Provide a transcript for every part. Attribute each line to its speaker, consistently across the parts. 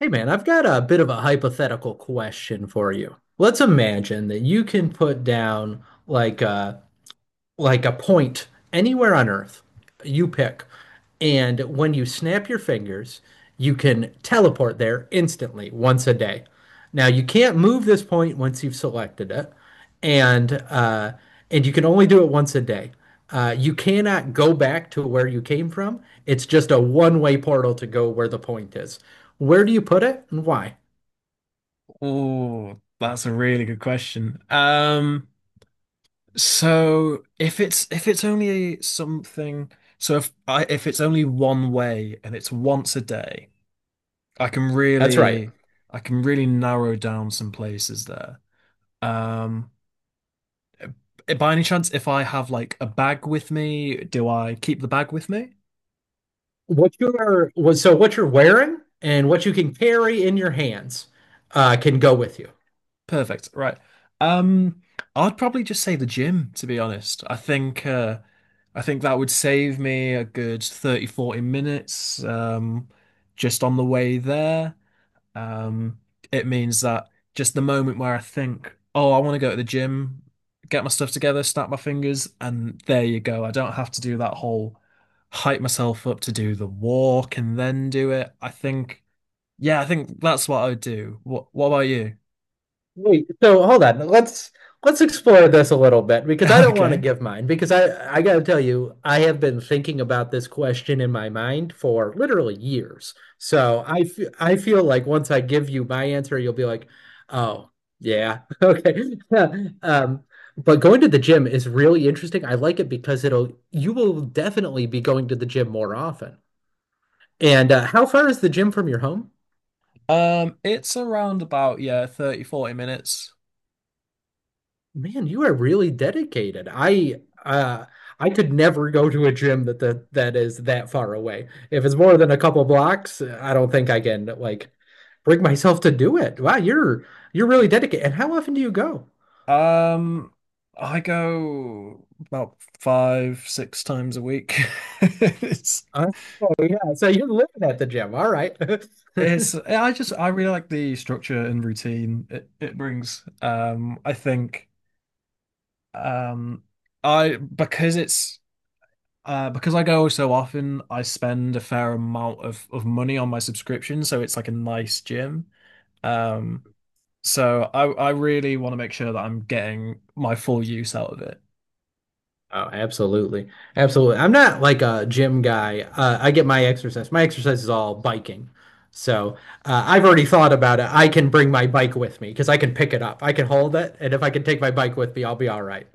Speaker 1: Hey man, I've got a bit of a hypothetical question for you. Let's imagine that you can put down like a point anywhere on Earth, you pick. And when you snap your fingers, you can teleport there instantly once a day. Now, you can't move this point once you've selected it, and uh, and you can only do it once a day. You cannot go back to where you came from. It's just a one-way portal to go where the point is. Where do you put it and why?
Speaker 2: Oh, that's a really good question. So if it's only something, so if it's only one way and it's once a day, I can
Speaker 1: That's right.
Speaker 2: really I can really narrow down some places there. Um, by any chance, if I have like a bag with me, do I keep the bag with me?
Speaker 1: So what you're wearing and what you can carry in your hands can go with you.
Speaker 2: Perfect. Right. Um, I'd probably just say the gym, to be honest. I think I think that would save me a good 30, 40 minutes just on the way there. Um it means that just the moment where I think, oh, I want to go to the gym, get my stuff together, snap my fingers, and there you go. I don't have to do that whole hype myself up to do the walk and then do it. I think, yeah, I think that's what I would do. What about you?
Speaker 1: Wait, so hold on. Let's explore this a little bit because I don't want to
Speaker 2: Okay.
Speaker 1: give mine because I got to tell you I have been thinking about this question in my mind for literally years. So I feel like once I give you my answer, you'll be like, oh yeah, okay. Um, but going to the gym is really interesting. I like it because it'll you will definitely be going to the gym more often. And how far is the gym from your home?
Speaker 2: It's around about, yeah, 30, 40 minutes.
Speaker 1: Man, you are really dedicated. I could never go to a gym that is that far away. If it's more than a couple blocks, I don't think I can like bring myself to do it. Wow, you're really dedicated. And how often do you go?
Speaker 2: Um, I go about five, six times a week. It's,
Speaker 1: Uh, oh yeah, so you're living at the gym. All right.
Speaker 2: I just, I really like the structure and routine it brings. I think, um, because because I go so often, I spend a fair amount of money on my subscription. So it's like a nice gym. Um, So I really want to make sure that I'm getting my full use out of it.
Speaker 1: Oh, absolutely. Absolutely. I'm not like a gym guy. I get my exercise. My exercise is all biking. So I've already thought about it. I can bring my bike with me because I can pick it up. I can hold it. And if I can take my bike with me, I'll be all right.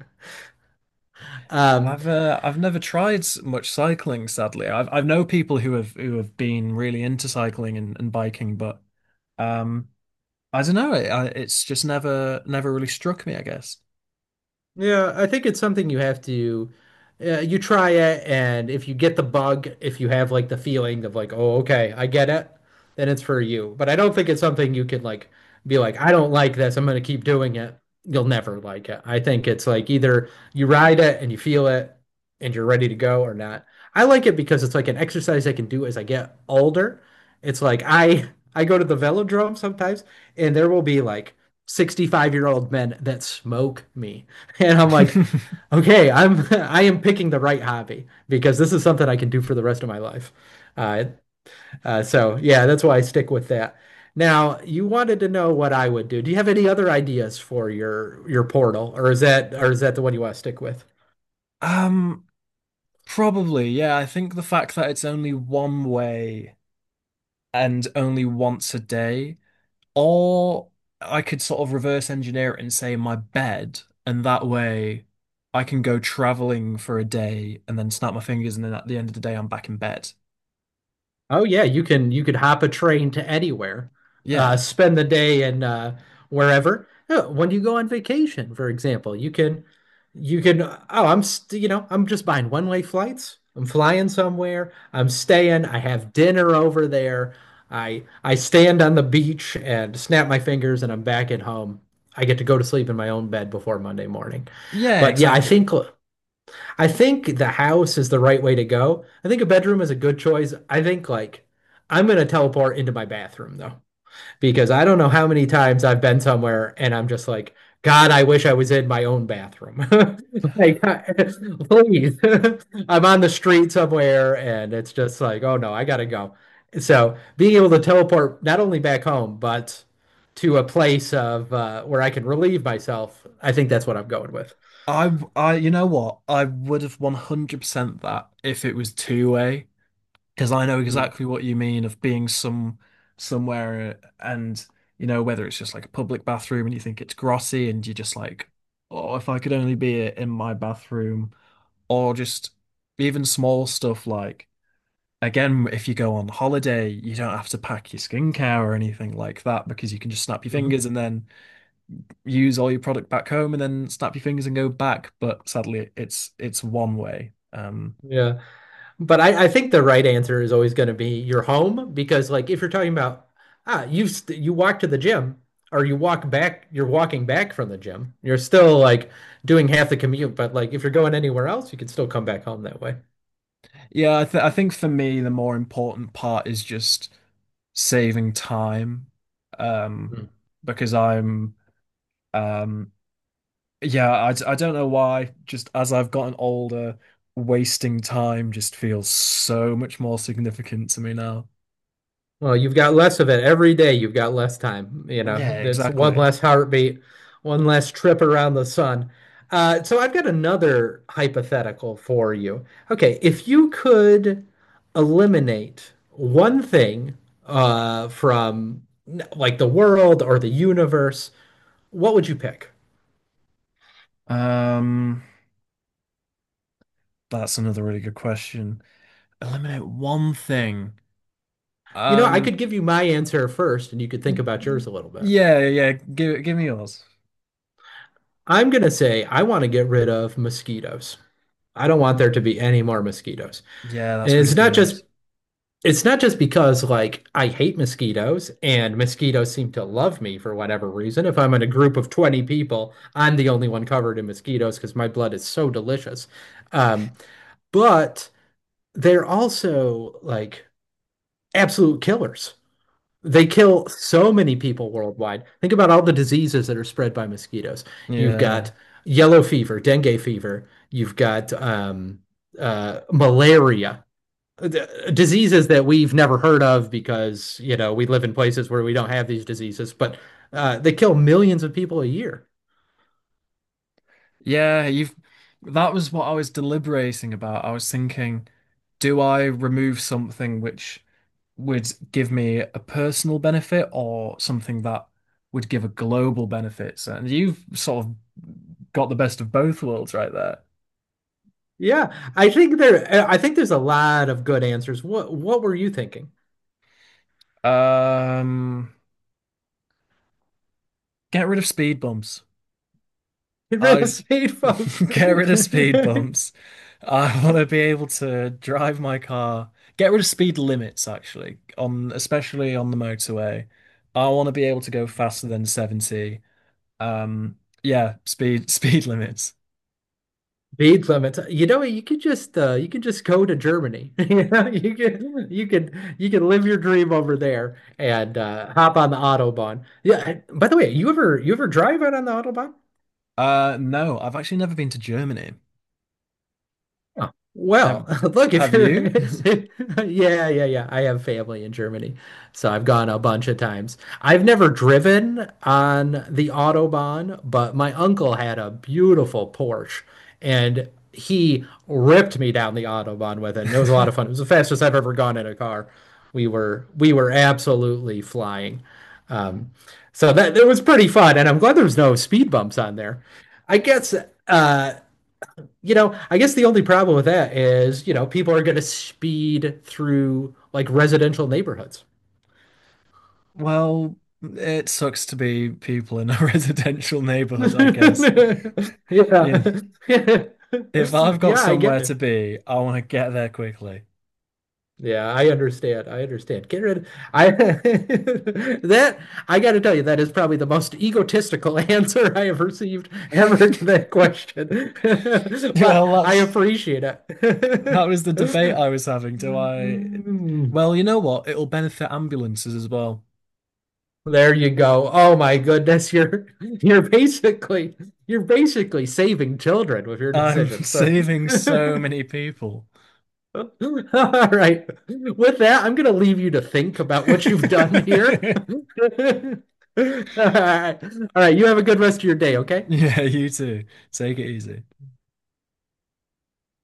Speaker 1: Um,
Speaker 2: I've never tried much cycling, sadly. I've know people who have been really into cycling and, biking, but um I don't know. It's just never really struck me, I guess.
Speaker 1: Yeah, I think it's something you have to you try it and if you get the bug, if you have like the feeling of like, "Oh, okay, I get it," then it's for you. But I don't think it's something you can like be like, "I don't like this. I'm going to keep doing it." You'll never like it. I think it's like either you ride it and you feel it and you're ready to go or not. I like it because it's like an exercise I can do as I get older. It's like I go to the velodrome sometimes and there will be like 65-year-old men that smoke me. And I'm like, okay, I'm I am picking the right hobby because this is something I can do for the rest of my life. Uh, so yeah, that's why I stick with that. Now, you wanted to know what I would do. Do you have any other ideas for your portal, or is that the one you want to stick with?
Speaker 2: Um, probably, yeah. I think the fact that it's only one way and only once a day, or I could sort of reverse engineer it and say my bed, and that way I can go traveling for a day and then snap my fingers, and then at the end of the day I'm back in bed.
Speaker 1: Oh yeah, you could hop a train to anywhere,
Speaker 2: Yeah.
Speaker 1: spend the day in wherever. Oh, when you go on vacation, for example, you can oh I'm st you know I'm just buying one-way flights. I'm flying somewhere. I'm staying. I have dinner over there. I stand on the beach and snap my fingers, and I'm back at home. I get to go to sleep in my own bed before Monday morning.
Speaker 2: Yeah,
Speaker 1: But yeah, I think.
Speaker 2: exactly.
Speaker 1: I think the house is the right way to go. I think a bedroom is a good choice. I think like I'm gonna teleport into my bathroom though because I don't know how many times I've been somewhere and I'm just like, God, I wish I was in my own bathroom. Like, please. I'm on the street somewhere and it's just like, oh no, I gotta go. So being able to teleport not only back home, but to a place of where I can relieve myself, I think that's what I'm going with.
Speaker 2: I you know what? I would have 100% that if it was two way, because I know
Speaker 1: Hmm.
Speaker 2: exactly what you mean of being somewhere and you know whether it's just like a public bathroom and you think it's grotty and you're just like, oh, if I could only be in my bathroom, or just even small stuff like, again, if you go on holiday you don't have to pack your skincare or anything like that because you can just snap your
Speaker 1: Mm-hmm.
Speaker 2: fingers and then use all your product back home and then snap your fingers and go back, but sadly it's one way.
Speaker 1: Yeah. But I think the right answer is always going to be your home because, like, if you're talking about you walk to the gym or you walk back, you're walking back from the gym. You're still like doing half the commute, but like if you're going anywhere else, you can still come back home that way.
Speaker 2: Yeah, I think for me the more important part is just saving time. um because I'm um yeah, I don't know why, just as I've gotten older, wasting time just feels so much more significant to me now.
Speaker 1: Well, you've got less of it every day. You've got less time. You know,
Speaker 2: Yeah,
Speaker 1: that's one
Speaker 2: exactly.
Speaker 1: less heartbeat, one less trip around the sun. So I've got another hypothetical for you. Okay, if you could eliminate one thing from like the world or the universe, what would you pick?
Speaker 2: um that's another really good question. Eliminate one thing.
Speaker 1: You know, I
Speaker 2: um
Speaker 1: could give you my answer first, and you could think about yours a little bit.
Speaker 2: yeah, yeah, yeah, give me yours.
Speaker 1: I'm gonna say I want to get rid of mosquitoes. I don't want there to be any more mosquitoes.
Speaker 2: Yeah,
Speaker 1: And
Speaker 2: that's really good.
Speaker 1: it's not just because like I hate mosquitoes and mosquitoes seem to love me for whatever reason. If I'm in a group of 20 people, I'm the only one covered in mosquitoes because my blood is so delicious. Um, but they're also like absolute killers. They kill so many people worldwide. Think about all the diseases that are spread by mosquitoes. You've got
Speaker 2: Yeah.
Speaker 1: yellow fever, dengue fever, you've got malaria diseases that we've never heard of because, you know, we live in places where we don't have these diseases, but they kill millions of people a year.
Speaker 2: Yeah, you've that was what I was deliberating about. I was thinking, do I remove something which would give me a personal benefit or something that would give a global benefit? So- And you've sort of got the best of both worlds right there.
Speaker 1: I think there's a lot of good answers. What were you thinking?
Speaker 2: Um, get rid of speed bumps.
Speaker 1: Red
Speaker 2: I
Speaker 1: state folks.
Speaker 2: get rid of speed bumps. I want to be able to drive my car. Get rid of speed limits, actually, on, especially on the motorway. I want to be able to go faster than 70. Um, yeah, speed speed limits.
Speaker 1: Speed limits. You know, you could just go to Germany. You know, you could live your dream over there and hop on the Autobahn. Yeah. I- By the way, you ever drive out on the Autobahn?
Speaker 2: No, I've actually never been to Germany.
Speaker 1: Oh,
Speaker 2: Have
Speaker 1: well, look, if
Speaker 2: have
Speaker 1: you're,
Speaker 2: you?
Speaker 1: yeah. I have family in Germany, so I've gone a bunch of times. I've never driven on the Autobahn, but my uncle had a beautiful Porsche and he ripped me down the Autobahn with it. And it was a lot of fun. It was the fastest I've ever gone in a car. We were absolutely flying. Um, it was pretty fun. And I'm glad there was no speed bumps on there. I guess, uh, you know, I guess the only problem with that is, you know, people are going to speed through like residential neighborhoods.
Speaker 2: Well, it sucks to be people in a residential neighborhood, I guess. You know,
Speaker 1: Yeah.
Speaker 2: if I've got
Speaker 1: Yeah, I get
Speaker 2: somewhere to
Speaker 1: it.
Speaker 2: be, I want to get there quickly.
Speaker 1: Yeah, I understand. I understand. Get rid I that I got to tell you, that is probably the most egotistical answer I have received ever to that question. But
Speaker 2: Well,
Speaker 1: I appreciate
Speaker 2: that
Speaker 1: it.
Speaker 2: was the debate I was having. Do I? Well, you know what? It'll benefit ambulances as well.
Speaker 1: There you go. Oh my goodness, you're basically saving children with your
Speaker 2: I'm
Speaker 1: decision. So
Speaker 2: saving so many people.
Speaker 1: all right. With that, I'm gonna leave you to think about what you've done here. All right. All right, you have a good rest of your day, okay?
Speaker 2: Yeah, you too. Take it easy.